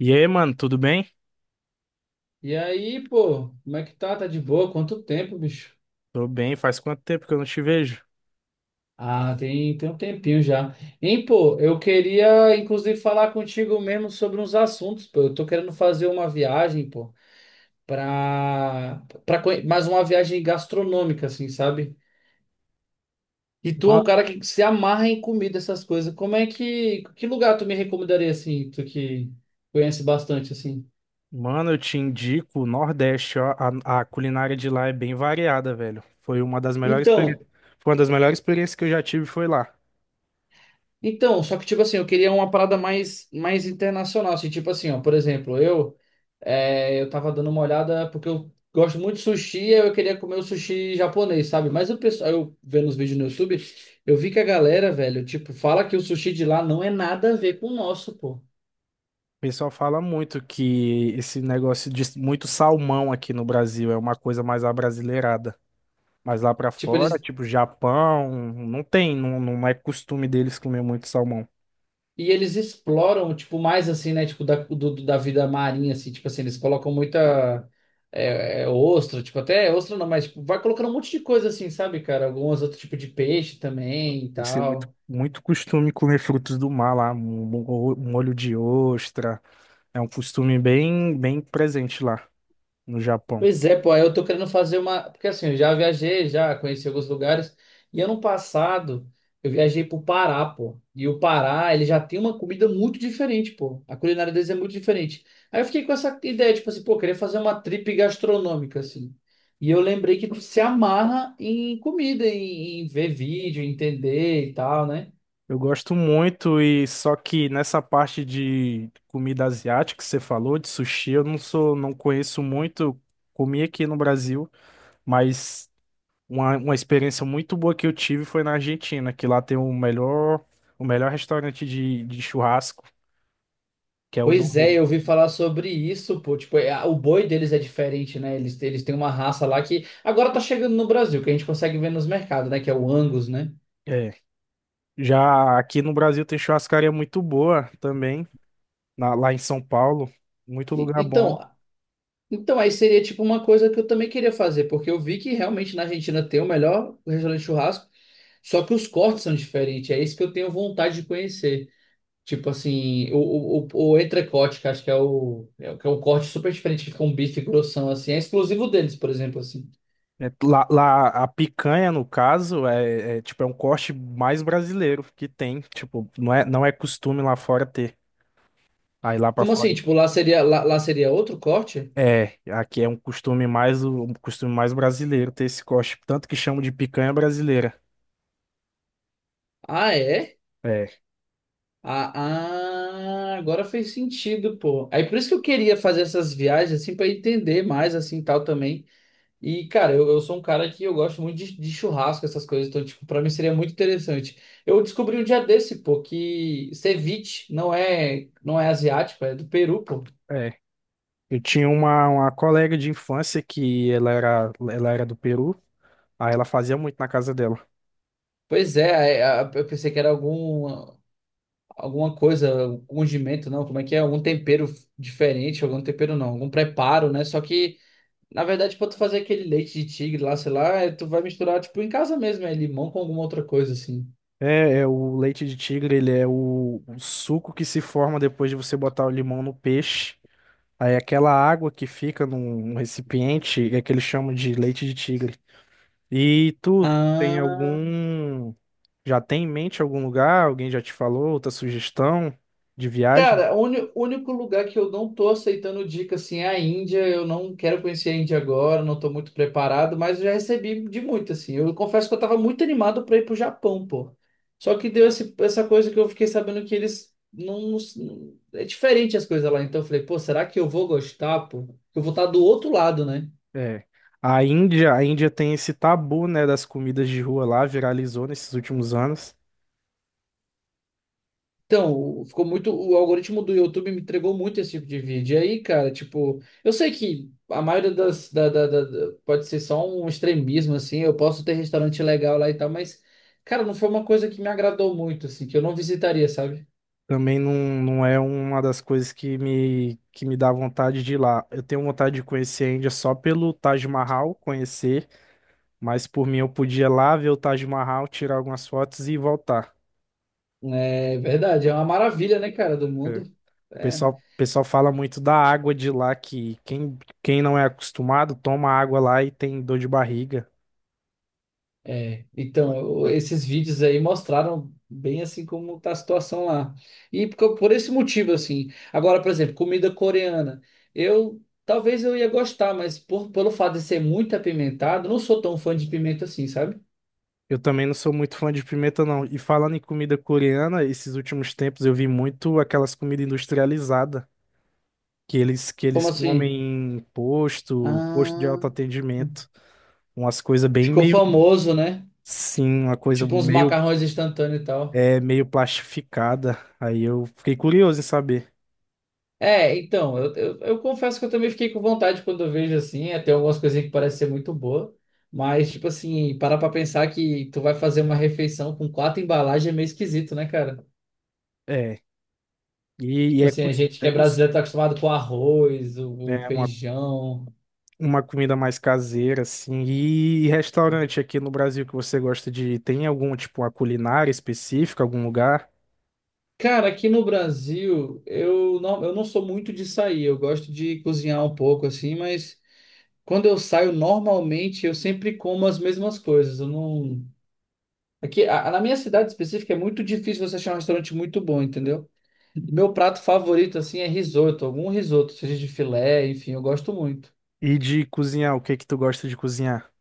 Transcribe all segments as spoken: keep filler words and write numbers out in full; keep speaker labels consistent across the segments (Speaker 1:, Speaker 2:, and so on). Speaker 1: E aí, mano, tudo bem?
Speaker 2: E aí, pô, como é que tá? Tá de boa? Quanto tempo, bicho?
Speaker 1: Tô bem, faz quanto tempo que eu não te vejo?
Speaker 2: Ah, tem, tem um tempinho já. Hein, pô, eu queria inclusive falar contigo mesmo sobre uns assuntos, pô. Eu tô querendo fazer uma viagem, pô, pra, pra conhe- mais uma viagem gastronômica, assim, sabe? E tu é
Speaker 1: Ma-
Speaker 2: um cara que se amarra em comida, essas coisas. Como é que, que lugar tu me recomendaria, assim, tu que conhece bastante, assim?
Speaker 1: Mano, eu te indico o Nordeste, ó, a, a culinária de lá é bem variada, velho. Foi uma das melhores
Speaker 2: Então,
Speaker 1: experiências, foi uma das melhores experiências que eu já tive foi lá.
Speaker 2: Então, só que, tipo assim, eu queria uma parada mais, mais internacional. Assim, tipo assim, ó, por exemplo, eu, é, eu tava dando uma olhada porque eu gosto muito de sushi, aí eu queria comer o sushi japonês, sabe? Mas o pessoal, eu vendo os vídeos no YouTube, eu vi que a galera, velho, tipo, fala que o sushi de lá não é nada a ver com o nosso, pô.
Speaker 1: O pessoal fala muito que esse negócio de muito salmão aqui no Brasil é uma coisa mais abrasileirada. Mas lá pra
Speaker 2: Tipo,
Speaker 1: fora,
Speaker 2: eles
Speaker 1: tipo Japão, não tem, não, não é costume deles comer muito salmão.
Speaker 2: E eles exploram, tipo, mais assim, né? Tipo, da, do, do- da vida marinha, assim, tipo assim, eles colocam muita é, é, ostra, tipo, até ostra não, mas tipo, vai colocando um monte de coisa assim, sabe, cara? Alguns outros tipos de peixe também e
Speaker 1: Eles têm muito,
Speaker 2: tal.
Speaker 1: muito costume comer frutos do mar lá, mo- molho de ostra. É um costume bem, bem presente lá no Japão.
Speaker 2: Pois é, pô, aí eu tô querendo fazer uma. Porque assim, eu já viajei, já conheci alguns lugares. E ano passado, eu viajei pro Pará, pô. E o Pará, ele já tem uma comida muito diferente, pô. A culinária deles é muito diferente. Aí eu fiquei com essa ideia, tipo assim, pô, eu queria fazer uma trip gastronômica, assim. E eu lembrei que tu se amarra em comida, em, em ver vídeo, entender e tal, né?
Speaker 1: Eu gosto muito e só que nessa parte de comida asiática que você falou, de sushi, eu não sou, não conheço muito. Comi aqui no Brasil, mas uma, uma experiência muito boa que eu tive foi na Argentina, que lá tem o melhor, o melhor restaurante de, de churrasco, que é o Don
Speaker 2: Pois é,
Speaker 1: Juan.
Speaker 2: eu ouvi falar sobre isso, pô. Tipo, é- o boi deles é diferente, né? Eles, eles têm uma raça lá que agora tá chegando no Brasil, que a gente consegue ver nos mercados, né? Que é o Angus, né?
Speaker 1: É. Já aqui no Brasil tem churrascaria muito boa também, na- lá em São Paulo, muito
Speaker 2: E-
Speaker 1: lugar bom.
Speaker 2: então, então, aí seria tipo uma coisa que eu também queria fazer, porque eu vi que realmente na Argentina tem o melhor restaurante de churrasco, só que os cortes são diferentes. É isso que eu tenho vontade de conhecer. Tipo assim, o, o, o, o entrecote, que acho que é o, é, o- que é um corte super diferente, que fica um bife grossão, assim. É exclusivo deles, por exemplo, assim.
Speaker 1: É. Lá, lá, a picanha, no caso, é, é, tipo, é um corte mais brasileiro que tem. Tipo, não é, não é costume lá fora ter. Aí lá pra
Speaker 2: Como assim?
Speaker 1: fora.
Speaker 2: Tipo, lá seria, lá, lá seria outro corte?
Speaker 1: É, aqui é um costume mais, um costume mais brasileiro ter esse corte. Tanto que chamam de picanha brasileira.
Speaker 2: Ah, é?
Speaker 1: É,
Speaker 2: Ah, ah, agora fez sentido, pô. Aí por isso que eu queria fazer essas viagens, assim, pra entender mais, assim, tal também. E, cara, eu, eu sou um cara que eu gosto muito de, de churrasco, essas coisas, então, tipo, pra mim seria muito interessante. Eu descobri um dia desse, pô, que ceviche não é, não é asiático, é do Peru, pô.
Speaker 1: é. Eu tinha uma, uma colega de infância que ela era, ela era do Peru. Aí ela fazia muito na casa dela.
Speaker 2: Pois é, é, a- eu pensei que era algum. Alguma coisa, um condimento, não, como é que é? Algum tempero diferente, algum tempero não, algum preparo, né? Só que, na verdade, pra tu fazer aquele leite de tigre lá, sei lá, é, tu vai misturar, tipo, em casa mesmo, é limão com alguma outra coisa, assim.
Speaker 1: É, é o leite de tigre, ele é o, o suco que se forma depois de você botar o limão no peixe. Aí aquela água que fica num, num recipiente é que eles chamam de leite de tigre. E tu tem
Speaker 2: Ah.
Speaker 1: algum. Já tem em mente algum lugar? Alguém já te falou? Outra sugestão de viagem?
Speaker 2: Cara, o uni- único lugar que eu não tô aceitando dica assim é a Índia. Eu não quero conhecer a Índia agora, não tô muito preparado, mas eu já recebi de muito assim. Eu confesso que eu tava muito animado para ir pro Japão, pô. Só que deu esse- essa coisa que eu fiquei sabendo que eles não, não- é diferente as coisas lá. Então eu falei, pô, será que eu vou gostar, pô? Eu vou estar do outro lado, né?
Speaker 1: É. A Índia, a Índia tem esse tabu, né, das comidas de rua lá, viralizou nesses últimos anos.
Speaker 2: Então, ficou muito. O algoritmo do YouTube me entregou muito esse tipo de vídeo. E aí, cara, tipo, eu sei que a maioria das. Da- da- da- da- pode ser só um extremismo, assim. Eu posso ter restaurante legal lá e tal, mas, cara, não foi uma coisa que me agradou muito, assim, que eu não visitaria, sabe?
Speaker 1: Também não, não é uma das coisas que me, que me dá vontade de ir lá. Eu tenho vontade de conhecer a Índia só pelo Taj Mahal, conhecer. Mas por mim eu podia lá ver o Taj Mahal, tirar algumas fotos e voltar.
Speaker 2: É verdade, é uma maravilha, né, cara, do
Speaker 1: É. O
Speaker 2: mundo. É.
Speaker 1: pessoal, o pessoal fala muito da água de lá, que quem, quem não é acostumado toma água lá e tem dor de barriga.
Speaker 2: É, então, eu- esses vídeos aí mostraram bem assim como tá a situação lá. E por, por esse motivo, assim. Agora, por exemplo, comida coreana. Eu talvez eu ia gostar, mas por, pelo fato de ser muito apimentado, não sou tão fã de pimenta assim, sabe?
Speaker 1: Eu também não sou muito fã de pimenta, não. E falando em comida coreana, esses últimos tempos eu vi muito aquelas comidas industrializadas, que eles, que
Speaker 2: Como
Speaker 1: eles
Speaker 2: assim?
Speaker 1: comem em posto, posto de
Speaker 2: Ah,
Speaker 1: autoatendimento. Umas coisas bem
Speaker 2: ficou
Speaker 1: meio,
Speaker 2: famoso, né?
Speaker 1: sim, uma coisa
Speaker 2: Tipo uns
Speaker 1: meio,
Speaker 2: macarrões instantâneos e tal.
Speaker 1: é, meio plastificada. Aí eu fiquei curioso em saber.
Speaker 2: É, então, eu, eu, eu confesso que eu também fiquei com vontade quando eu vejo assim, até algumas coisinhas que parecem ser muito boa, mas, tipo assim, parar pra pensar que tu vai fazer uma refeição com quatro embalagens é meio esquisito, né, cara?
Speaker 1: É, e, e
Speaker 2: Tipo
Speaker 1: é,
Speaker 2: assim, a
Speaker 1: cus-
Speaker 2: gente que
Speaker 1: é,
Speaker 2: é
Speaker 1: cus-
Speaker 2: brasileiro tá acostumado com arroz, o, o
Speaker 1: é uma,
Speaker 2: feijão.
Speaker 1: uma comida mais caseira, assim. E, restaurante aqui no Brasil que você gosta de tem algum, tipo, uma culinária específica, algum lugar?
Speaker 2: Cara, aqui no Brasil, eu não, eu não sou muito de sair, eu gosto de cozinhar um pouco assim, mas quando eu saio, normalmente eu sempre como as mesmas coisas, eu não. Aqui, a- na minha cidade específica, é muito difícil você achar um restaurante muito bom, entendeu? Meu prato favorito, assim, é risoto, algum risoto, seja de filé, enfim, eu gosto muito.
Speaker 1: E de cozinhar, o que que tu gosta de cozinhar?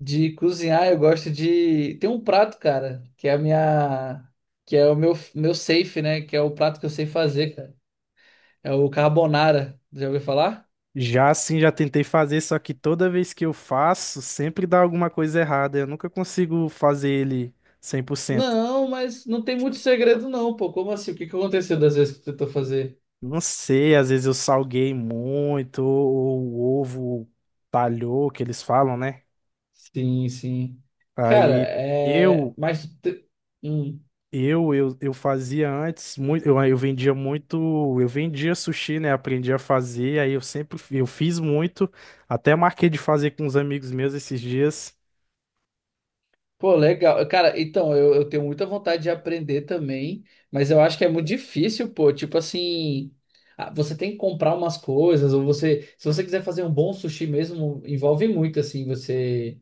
Speaker 2: De cozinhar, eu gosto de. Tem um prato, cara, que é a minha. Que é o meu, meu safe, né? Que é o prato que eu sei fazer, cara. É o carbonara. Já ouviu falar?
Speaker 1: Já sim, já tentei fazer, só que toda vez que eu faço, sempre dá alguma coisa errada. Eu nunca consigo fazer ele cem por cento.
Speaker 2: Não, mas não tem muito segredo, não, pô. Como assim? O que que aconteceu das vezes que tu tentou fazer?
Speaker 1: Não sei, às vezes eu salguei muito, ou o ovo talhou, que eles falam, né?
Speaker 2: Sim, sim. Cara,
Speaker 1: Aí.
Speaker 2: é.
Speaker 1: Eu,
Speaker 2: Mas. tu te- Hum.
Speaker 1: Eu, eu, eu fazia antes muito, eu, eu vendia muito, eu vendia sushi, né? Aprendi a fazer, aí eu sempre eu fiz muito, até marquei de fazer com uns amigos meus esses dias.
Speaker 2: Pô, legal. Cara, então, eu, eu tenho muita vontade de aprender também, mas eu acho que é muito difícil, pô. Tipo assim, ah, você tem que comprar umas coisas, ou você, se você quiser fazer um bom sushi mesmo, envolve muito, assim, você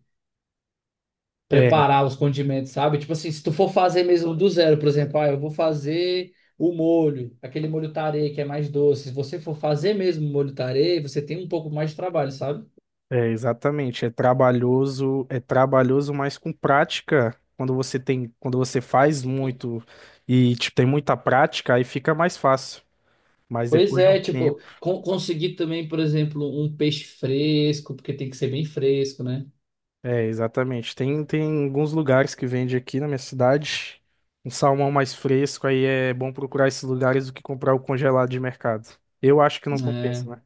Speaker 1: É,
Speaker 2: preparar os condimentos, sabe? Tipo assim, se tu for fazer mesmo do zero, por exemplo, ah, eu vou fazer o molho, aquele molho tarê que é mais doce. Se você for fazer mesmo o molho tarê, você tem um pouco mais de trabalho, sabe?
Speaker 1: é exatamente, é trabalhoso, é trabalhoso, mas com prática, quando você tem, quando você faz muito e tipo, tem muita prática, aí fica mais fácil. Mas
Speaker 2: Pois
Speaker 1: depois de um
Speaker 2: é, tipo,
Speaker 1: tempo.
Speaker 2: con- conseguir também, por exemplo, um peixe fresco, porque tem que ser bem fresco, né?
Speaker 1: É, exatamente. Tem, tem alguns lugares que vende aqui na minha cidade. Um salmão mais fresco, aí é bom procurar esses lugares do que comprar o congelado de mercado. Eu acho que não
Speaker 2: É,
Speaker 1: compensa, né?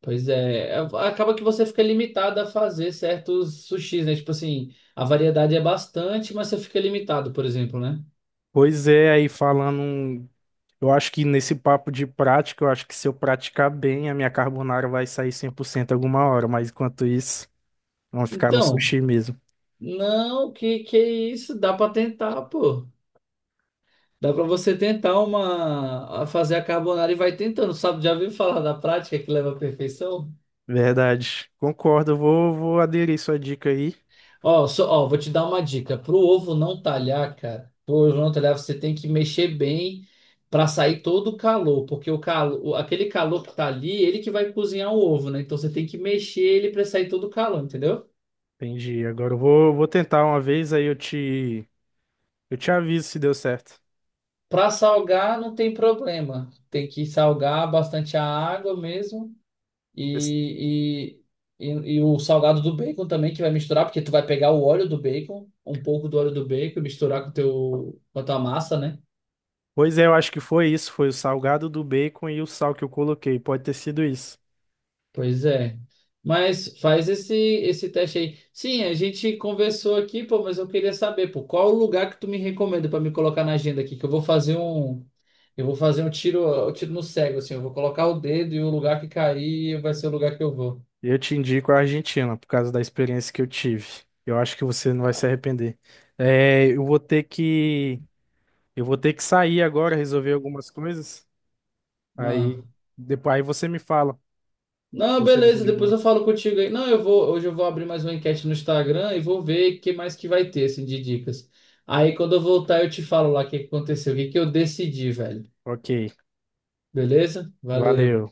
Speaker 2: pois é, É, acaba que você fica limitado a fazer certos sushis, né? Tipo assim, a variedade é bastante, mas você fica limitado, por exemplo, né?
Speaker 1: Pois é, aí falando. Um. Eu acho que nesse papo de prática, eu acho que se eu praticar bem, a minha carbonara vai sair cem por cento alguma hora, mas enquanto isso, vamos ficar no
Speaker 2: Então,
Speaker 1: sushi mesmo.
Speaker 2: não, que que isso? Dá pra tentar, pô. Dá pra você tentar uma a fazer a carbonara e vai tentando, sabe? Já ouviu falar da prática que leva à perfeição?
Speaker 1: Verdade. Concordo, eu vou, vou aderir sua dica aí.
Speaker 2: Ó, só, ó, vou te dar uma dica. Pro ovo não talhar, cara, pro ovo não talhar, você tem que mexer bem para sair todo o calor, porque o calor, aquele calor que tá ali, ele que vai cozinhar o ovo, né? Então você tem que mexer ele para sair todo o calor, entendeu?
Speaker 1: Entendi. Agora eu vou, vou tentar uma vez, aí eu te, eu te aviso se deu certo.
Speaker 2: Para salgar não tem problema. Tem que salgar bastante a água mesmo e, e, e, e o salgado do bacon também que vai misturar, porque tu vai pegar o óleo do bacon, um pouco do óleo do bacon e misturar com o teu, com a tua massa, né?
Speaker 1: Pois é, eu acho que foi isso. Foi o salgado do bacon e o sal que eu coloquei. Pode ter sido isso.
Speaker 2: Pois é. Mas faz esse esse teste aí. Sim, a gente conversou aqui, pô, mas eu queria saber, pô, qual o lugar que tu me recomenda para me colocar na agenda aqui, que eu vou fazer um eu vou fazer um tiro, um tiro no cego assim, eu vou colocar o dedo e o lugar que cair vai ser o lugar que eu vou.
Speaker 1: Eu te indico a Argentina, por causa da experiência que eu tive. Eu acho que você não vai se arrepender. É, eu vou ter que, eu vou ter que sair agora, resolver algumas coisas.
Speaker 2: Ah.
Speaker 1: Aí, depois, aí você me fala se
Speaker 2: Não,
Speaker 1: você
Speaker 2: beleza,
Speaker 1: decidiu
Speaker 2: depois
Speaker 1: alguma.
Speaker 2: eu falo contigo aí. Não, eu vou, hoje eu vou abrir mais uma enquete no Instagram e vou ver o que mais que vai ter assim de dicas. Aí quando eu voltar eu te falo lá o que que aconteceu, o que que eu decidi, velho.
Speaker 1: Ok,
Speaker 2: Beleza? Valeu.
Speaker 1: valeu.